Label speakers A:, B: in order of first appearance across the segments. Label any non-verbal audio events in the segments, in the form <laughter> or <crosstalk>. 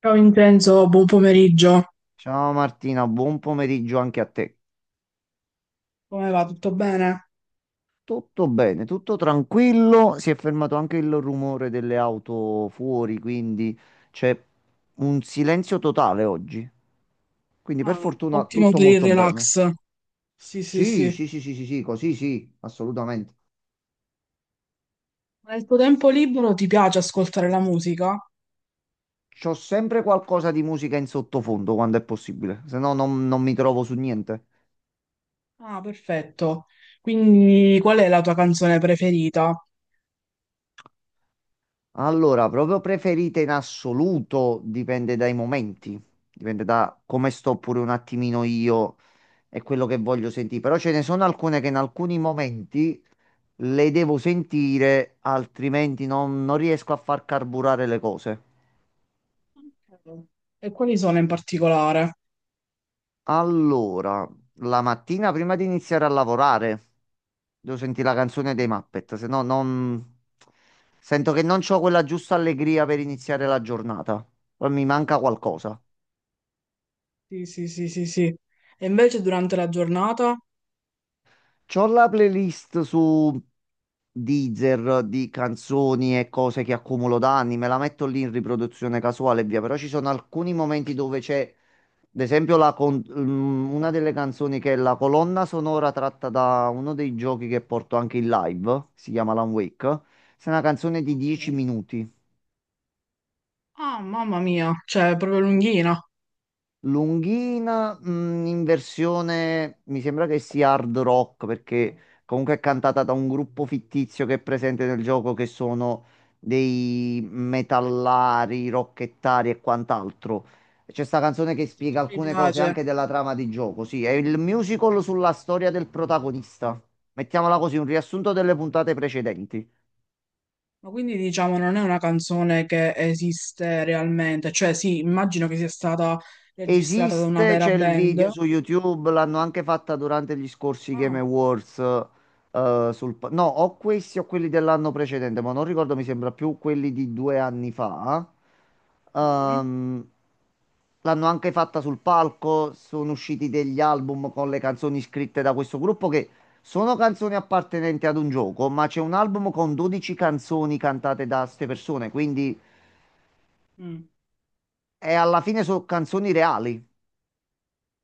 A: Ciao Vincenzo, buon pomeriggio.
B: Ciao Martina, buon pomeriggio anche a te.
A: Come va? Tutto bene?
B: Tutto bene, tutto tranquillo. Si è fermato anche il rumore delle auto fuori, quindi c'è un silenzio totale oggi. Quindi per
A: Ah,
B: fortuna
A: ottimo
B: tutto
A: per il
B: molto bene.
A: relax. Sì, sì,
B: Sì,
A: sì.
B: sì, sì, sì, sì, sì, così sì, assolutamente.
A: Ma nel tuo tempo libero ti piace ascoltare la musica?
B: C'ho sempre qualcosa di musica in sottofondo quando è possibile, se no non mi trovo su niente.
A: Ah, perfetto. Quindi qual è la tua canzone preferita?
B: Allora, proprio preferite in assoluto dipende dai momenti, dipende da come sto pure un attimino io è quello che voglio sentire. Però ce ne sono alcune che in alcuni momenti le devo sentire, altrimenti non riesco a far carburare le cose.
A: Ok. E quali sono in particolare?
B: Allora, la mattina prima di iniziare a lavorare, devo sentire la canzone dei Muppet, se no non... Sento che non ho quella giusta allegria per iniziare la giornata. Poi mi manca qualcosa.
A: Sì, sì, sì, sì, sì. E invece durante la giornata?
B: C'ho la playlist su Deezer di canzoni e cose che accumulo da anni, me la metto lì in riproduzione casuale e via, però ci sono alcuni momenti dove c'è, ad esempio, una delle canzoni che è la colonna sonora tratta da uno dei giochi che porto anche in live, si chiama Alan Wake, è una canzone di 10
A: Ok.
B: minuti.
A: Ah, mamma mia, cioè è proprio lunghina.
B: Lunghina, in versione mi sembra che sia hard rock perché comunque è cantata da un gruppo fittizio che è presente nel gioco che sono dei metallari, rockettari e quant'altro. C'è sta canzone che spiega
A: Mi
B: alcune cose
A: piace.
B: anche della trama di gioco. Sì, è il musical sulla storia del protagonista. Mettiamola così, un riassunto delle puntate precedenti.
A: Ma quindi diciamo non è una canzone che esiste realmente, cioè sì, immagino che sia stata registrata da una
B: Esiste,
A: vera
B: c'è il video
A: band.
B: su YouTube, l'hanno anche fatta durante gli scorsi Game
A: Ah,
B: Awards. No, o questi o quelli dell'anno precedente, ma non ricordo, mi sembra più quelli di 2 anni fa.
A: mhm,
B: Ehm, L'hanno anche fatta sul palco, sono usciti degli album con le canzoni scritte da questo gruppo che sono canzoni appartenenti ad un gioco, ma c'è un album con 12 canzoni cantate da ste persone, quindi
A: mm.
B: è alla fine sono canzoni reali.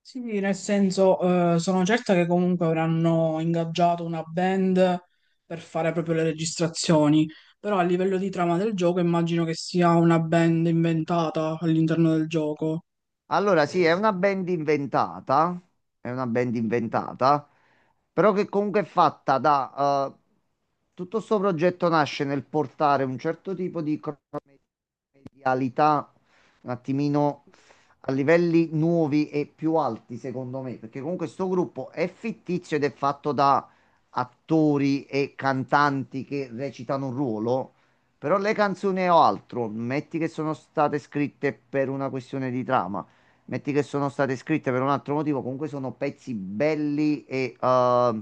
A: Sì, nel senso sono certa che comunque avranno ingaggiato una band per fare proprio le registrazioni, però a livello di trama del gioco immagino che sia una band inventata all'interno del gioco.
B: Allora, sì, è una band inventata, è una band
A: Mhm.
B: inventata, però che comunque è fatta da... tutto sto progetto nasce nel portare un certo tipo di cronometria realità un attimino a livelli nuovi e più alti, secondo me, perché comunque questo gruppo è fittizio ed è fatto da attori e cantanti che recitano un ruolo, però le canzoni o altro, metti che sono state scritte per una questione di trama. Metti che sono state scritte per un altro motivo, comunque sono pezzi belli e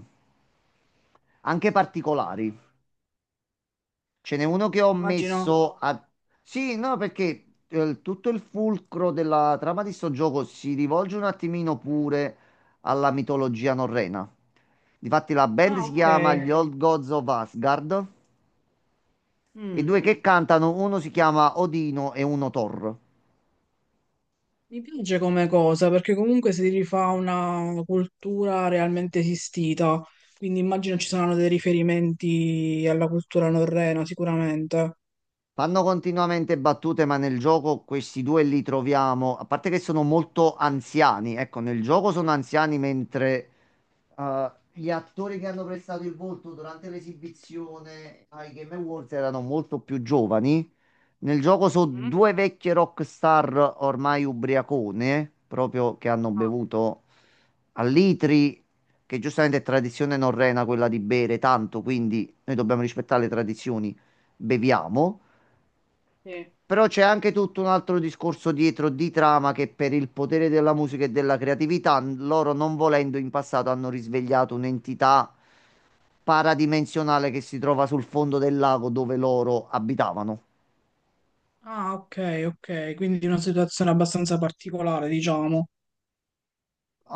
B: anche particolari. Ce n'è uno che ho
A: Immagino.
B: messo a... Sì, no, perché tutto il fulcro della trama di sto gioco si rivolge un attimino pure alla mitologia norrena. Difatti la band
A: Ah,
B: si chiama
A: ok.
B: gli Ok. Old Gods of Asgard e i
A: Mm.
B: due che cantano, uno si chiama Odino e uno Thor.
A: Mi piace come cosa perché comunque si rifà una cultura realmente esistita, quindi immagino ci saranno dei riferimenti alla cultura norrena sicuramente.
B: Fanno continuamente battute, ma nel gioco questi due li troviamo, a parte che sono molto anziani, ecco, nel gioco sono anziani mentre gli attori che hanno prestato il volto durante l'esibizione ai Game Awards erano molto più giovani. Nel gioco sono
A: Mhm.
B: due vecchie rockstar ormai ubriacone, proprio che hanno
A: Ah,
B: bevuto a litri, che giustamente è tradizione norrena quella di bere tanto, quindi noi dobbiamo rispettare le tradizioni, beviamo.
A: sì.
B: Però c'è anche tutto un altro discorso dietro di trama che per il potere della musica e della creatività, loro non volendo in passato hanno risvegliato un'entità paradimensionale che si trova sul fondo del lago dove loro abitavano.
A: Ah, ok, ok, quindi una situazione abbastanza particolare, diciamo.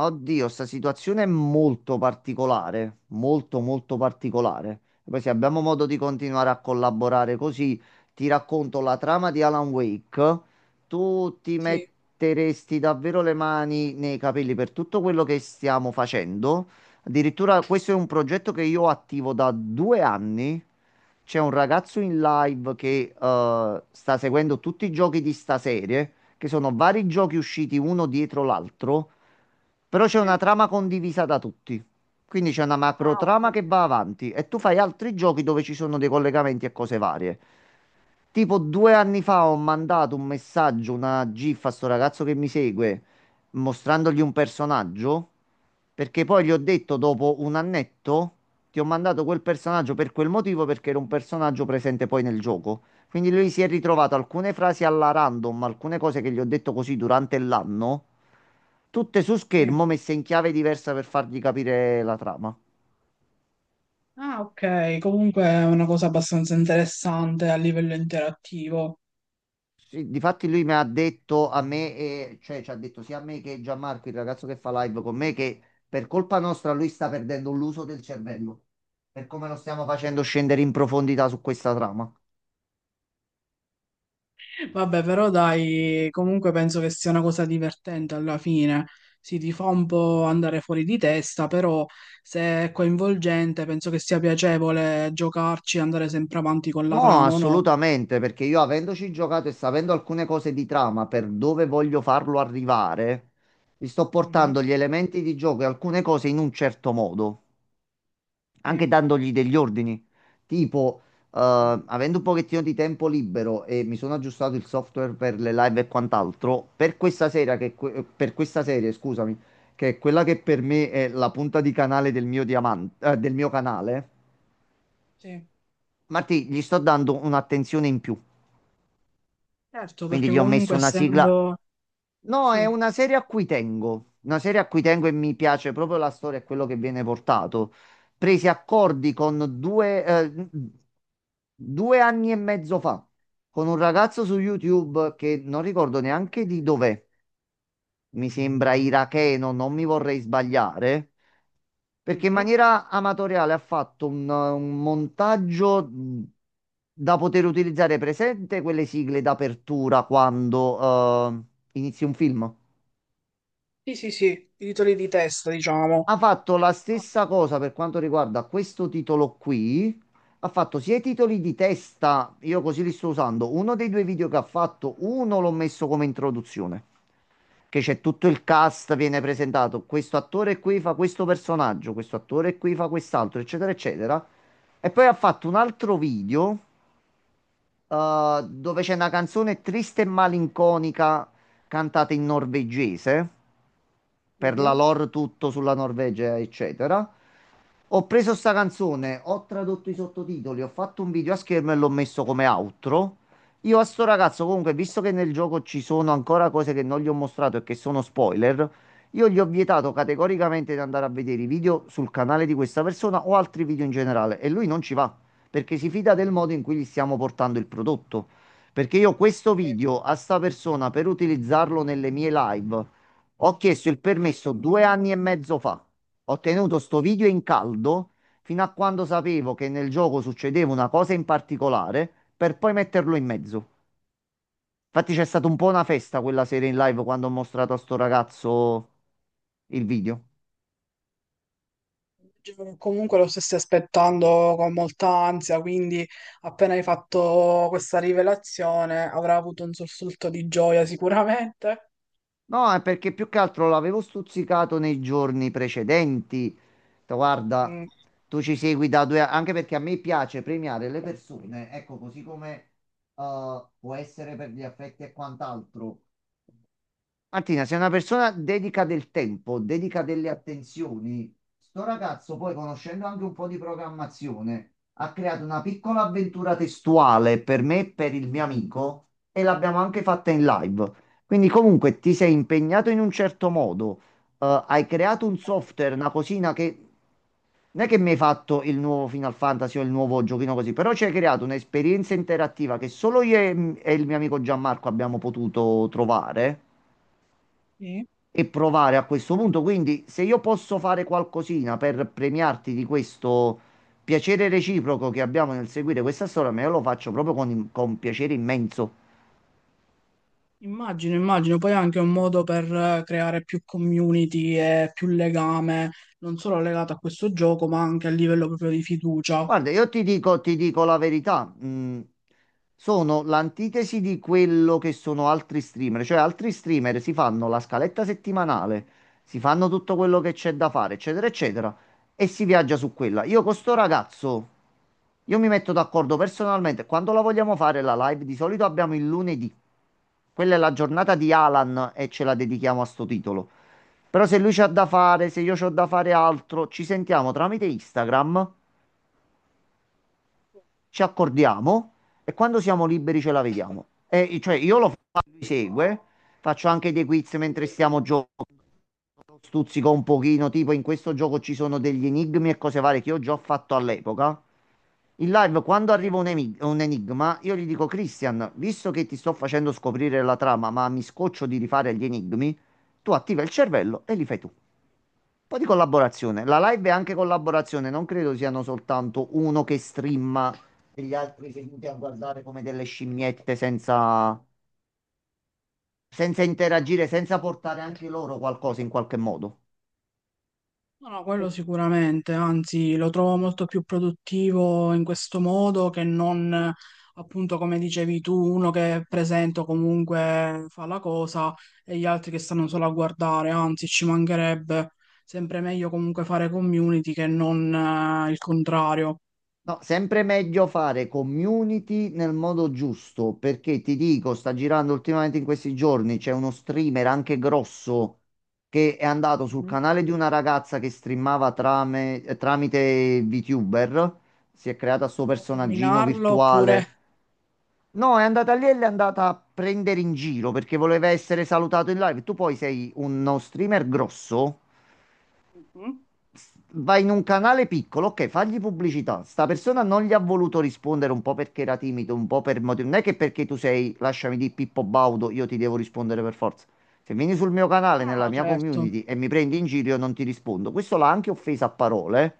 B: Oddio, sta situazione è molto particolare, molto molto particolare. Poi se abbiamo modo di continuare a collaborare così, ti racconto la trama di Alan Wake. Tu ti
A: Sì,
B: metteresti davvero le mani nei capelli per tutto quello che stiamo facendo. Addirittura questo è un progetto che io attivo da 2 anni. C'è un ragazzo in live che sta seguendo tutti i giochi di sta serie, che sono vari giochi usciti uno dietro l'altro. Però c'è una
A: sì.
B: trama condivisa da tutti. Quindi c'è una macro
A: Ah,
B: trama
A: ok.
B: che va avanti e tu fai altri giochi dove ci sono dei collegamenti e cose varie. Tipo 2 anni fa ho mandato un messaggio, una GIF a sto ragazzo che mi segue, mostrandogli un personaggio, perché poi gli ho detto dopo un annetto, ti ho mandato quel personaggio per quel motivo, perché era un personaggio presente poi nel gioco. Quindi lui si è ritrovato alcune frasi alla random, alcune cose che gli ho detto così durante l'anno, tutte su
A: Sì.
B: schermo messe in chiave diversa per fargli capire la trama.
A: Ah, ok, comunque è una cosa abbastanza interessante a livello interattivo.
B: Sì, difatti lui mi ha detto a me, cioè ci ha detto sia a me che Gianmarco, il ragazzo che fa live con me, che per colpa nostra lui sta perdendo l'uso del cervello, per come lo stiamo facendo scendere in profondità su questa trama.
A: Vabbè, però dai, comunque penso che sia una cosa divertente alla fine. Sì, ti fa un po' andare fuori di testa, però se è coinvolgente, penso che sia piacevole giocarci e andare sempre avanti con la
B: No,
A: trama, o no?
B: assolutamente, perché io avendoci giocato e sapendo alcune cose di trama per dove voglio farlo arrivare, gli sto
A: Mhm.
B: portando gli elementi di gioco e alcune cose in un certo modo, anche
A: Sì,
B: dandogli degli ordini. Tipo,
A: mm,
B: eh, avendo un pochettino di tempo libero e mi sono aggiustato il software per le live e quant'altro, per questa sera che, per questa serie, scusami, che è quella che per me è la punta di canale del mio diamante, del mio canale,
A: sì.
B: Martì, gli sto dando un'attenzione in più.
A: Certo,
B: Quindi
A: perché
B: gli ho messo
A: comunque
B: una sigla.
A: essendo...
B: No, è
A: Sì.
B: una serie a cui tengo. Una serie a cui tengo e mi piace proprio la storia e quello che viene portato. Presi accordi con due anni e mezzo fa, con un ragazzo su YouTube che non ricordo neanche di dov'è. Mi sembra iracheno, non mi vorrei sbagliare. Perché in
A: Mhm.
B: maniera amatoriale ha fatto un montaggio da poter utilizzare presente quelle sigle d'apertura quando inizi un film.
A: Sì, sì, sì, i titoli di testa, diciamo.
B: Ha fatto la stessa cosa per quanto riguarda questo titolo qui. Ha fatto sia i titoli di testa, io così li sto usando. Uno dei due video che ha fatto, uno l'ho messo come introduzione, che c'è tutto il cast, viene presentato. Questo attore qui fa questo personaggio, questo attore qui fa quest'altro, eccetera, eccetera. E poi ha fatto un altro video, dove c'è una canzone triste e malinconica cantata in norvegese per la
A: Mhm.
B: lore tutto sulla Norvegia, eccetera. Ho preso sta canzone, ho tradotto i sottotitoli, ho fatto un video a schermo e l'ho messo come outro. Io a sto ragazzo, comunque, visto che nel gioco ci sono ancora cose che non gli ho mostrato e che sono spoiler, io gli ho vietato categoricamente di andare a vedere i video sul canale di questa persona o altri video in generale e lui non ci va perché si fida del modo in cui gli stiamo portando il prodotto. Perché io questo video a sta persona per utilizzarlo nelle mie live ho chiesto il permesso 2 anni e mezzo fa. Ho tenuto sto video in caldo fino a quando sapevo che nel gioco succedeva una cosa in particolare per poi metterlo in mezzo. Infatti c'è stata un po' una festa quella sera in live quando ho mostrato a sto ragazzo il video.
A: Comunque lo stessi aspettando con molta ansia, quindi appena hai fatto questa rivelazione avrà avuto un sussulto di gioia <laughs> sicuramente.
B: No, è perché più che altro l'avevo stuzzicato nei giorni precedenti. Ho detto, Guarda,
A: Mm.
B: tu ci segui da 2 anni, anche perché a me piace premiare le persone, ecco, così come può essere per gli affetti e quant'altro. Martina, sei una persona dedica del tempo, dedica delle attenzioni. Sto ragazzo, poi conoscendo anche un po' di programmazione, ha creato una piccola avventura testuale per me e per il mio amico e l'abbiamo anche fatta in live. Quindi comunque ti sei impegnato in un certo modo, hai creato un software, una cosina che non è che mi hai fatto il nuovo Final Fantasy o il nuovo giochino così, però ci hai creato un'esperienza interattiva che solo io e il mio amico Gianmarco abbiamo potuto trovare
A: Sì.
B: e provare a questo punto. Quindi, se io posso fare qualcosina per premiarti di questo piacere reciproco che abbiamo nel seguire questa storia, me lo faccio proprio con piacere immenso.
A: Immagino, immagino, poi è anche un modo per creare più community e più legame, non solo legato a questo gioco, ma anche a livello proprio di fiducia.
B: Guarda, io ti dico la verità, sono l'antitesi di quello che sono altri streamer, cioè altri streamer si fanno la scaletta settimanale, si fanno tutto quello che c'è da fare, eccetera, eccetera, e si viaggia su quella. Io con sto ragazzo, io mi metto d'accordo personalmente, quando la vogliamo fare la live, di solito abbiamo il lunedì, quella è la giornata di Alan e ce la dedichiamo a sto titolo. Però se lui c'ha da fare, se io c'ho da fare altro, ci sentiamo tramite Instagram ci accordiamo e quando siamo liberi ce la vediamo. E, cioè, io lo faccio, lui segue, faccio anche dei quiz mentre stiamo giocando, stuzzico un pochino, tipo in questo gioco ci sono degli enigmi e cose varie che io già ho fatto all'epoca. In live, quando arriva un enigma, io gli dico, Christian, visto che ti sto facendo scoprire la trama, ma mi scoccio di rifare gli enigmi, tu attiva il cervello e li fai tu po' di collaborazione. La live è anche collaborazione, non credo siano soltanto uno che streama e gli altri seduti a guardare come delle scimmiette senza interagire, senza portare anche loro qualcosa in qualche modo.
A: No, no, quello sicuramente, anzi lo trovo molto più produttivo in questo modo che non, appunto, come dicevi tu, uno che è presente o comunque fa la cosa e gli altri che stanno solo a guardare, anzi ci mancherebbe sempre meglio comunque fare community che non il contrario.
B: No, sempre meglio fare community nel modo giusto, perché ti dico, sta girando ultimamente in questi giorni, c'è uno streamer anche grosso che è andato sul
A: Mhm.
B: canale di una ragazza che streamava tramite VTuber, si è creata sto
A: Può
B: personaggino
A: nominarlo oppure...
B: virtuale. No, è andata lì e l'è andata a prendere in giro perché voleva essere salutato in live. Tu poi sei uno streamer grosso
A: Mhm.
B: vai in un canale piccolo, ok, fagli pubblicità. Sta persona non gli ha voluto rispondere un po' perché era timido, un po' per motivi. Non è che perché tu sei, lasciami di Pippo Baudo, io ti devo rispondere per forza. Se vieni sul mio
A: No,
B: canale,
A: no,
B: nella
A: no,
B: mia
A: certo.
B: community e mi prendi in giro, io non ti rispondo. Questo l'ha anche offesa a parole. Eh.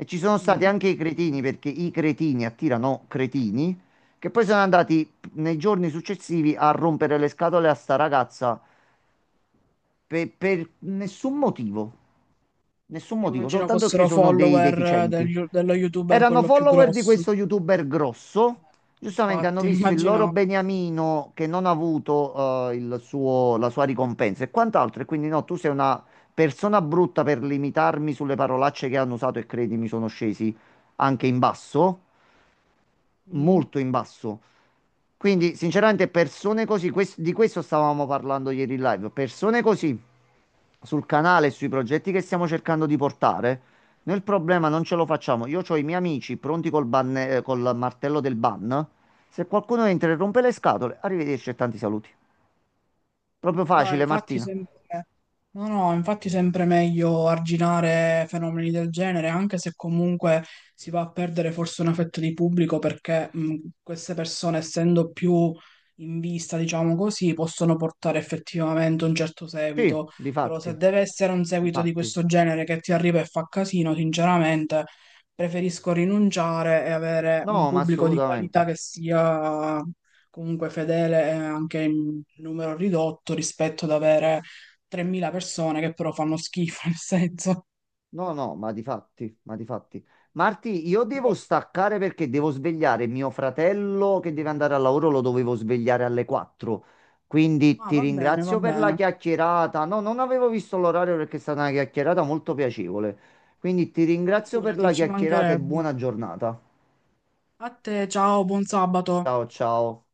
B: E ci sono stati
A: Mm.
B: anche i cretini, perché i cretini attirano cretini, che poi sono andati nei giorni successivi a rompere le scatole a sta ragazza per nessun motivo. Nessun motivo,
A: Immagino
B: soltanto perché
A: fossero
B: sono dei
A: follower
B: deficienti.
A: dello youtuber
B: Erano
A: quello più
B: follower di
A: grosso.
B: questo youtuber grosso. Giustamente hanno
A: Infatti,
B: visto il loro
A: immaginavo.
B: beniamino che non ha avuto la sua ricompensa e quant'altro. E quindi no, tu sei una persona brutta per limitarmi sulle parolacce che hanno usato e credimi, sono scesi anche in basso,
A: Mm.
B: molto in basso. Quindi, sinceramente, persone così, di questo stavamo parlando ieri in live, persone così sul canale e sui progetti che stiamo cercando di portare, noi il problema non ce lo facciamo. Io ho i miei amici pronti col martello del ban. Se qualcuno entra e rompe le scatole, arrivederci e tanti saluti. Proprio
A: No, no,
B: facile,
A: infatti
B: Martina.
A: sempre, no, no, infatti sempre meglio arginare fenomeni del genere, anche se comunque si va a perdere forse un affetto di pubblico perché mm, queste persone, essendo più in vista, diciamo così, possono portare effettivamente un certo
B: Sì,
A: seguito. Però se
B: difatti,
A: deve essere un seguito di
B: difatti.
A: questo genere che ti arriva e fa casino, sinceramente preferisco rinunciare e avere un
B: No, ma
A: pubblico di
B: assolutamente.
A: qualità che sia comunque fedele è anche in numero ridotto rispetto ad avere 3.000 persone che però fanno schifo, <laughs> nel senso.
B: No, no, ma di fatti, ma di fatti. Marti, io devo staccare perché devo svegliare mio fratello che deve andare al lavoro, lo dovevo svegliare alle 4. Quindi
A: Ah,
B: ti
A: va bene, va
B: ringrazio per la
A: bene.
B: chiacchierata. No, non avevo visto l'orario perché è stata una chiacchierata molto piacevole. Quindi ti
A: Ma
B: ringrazio per
A: figurati,
B: la
A: ci
B: chiacchierata e
A: mancherebbe.
B: buona giornata.
A: A te, ciao, buon sabato.
B: Ciao, ciao.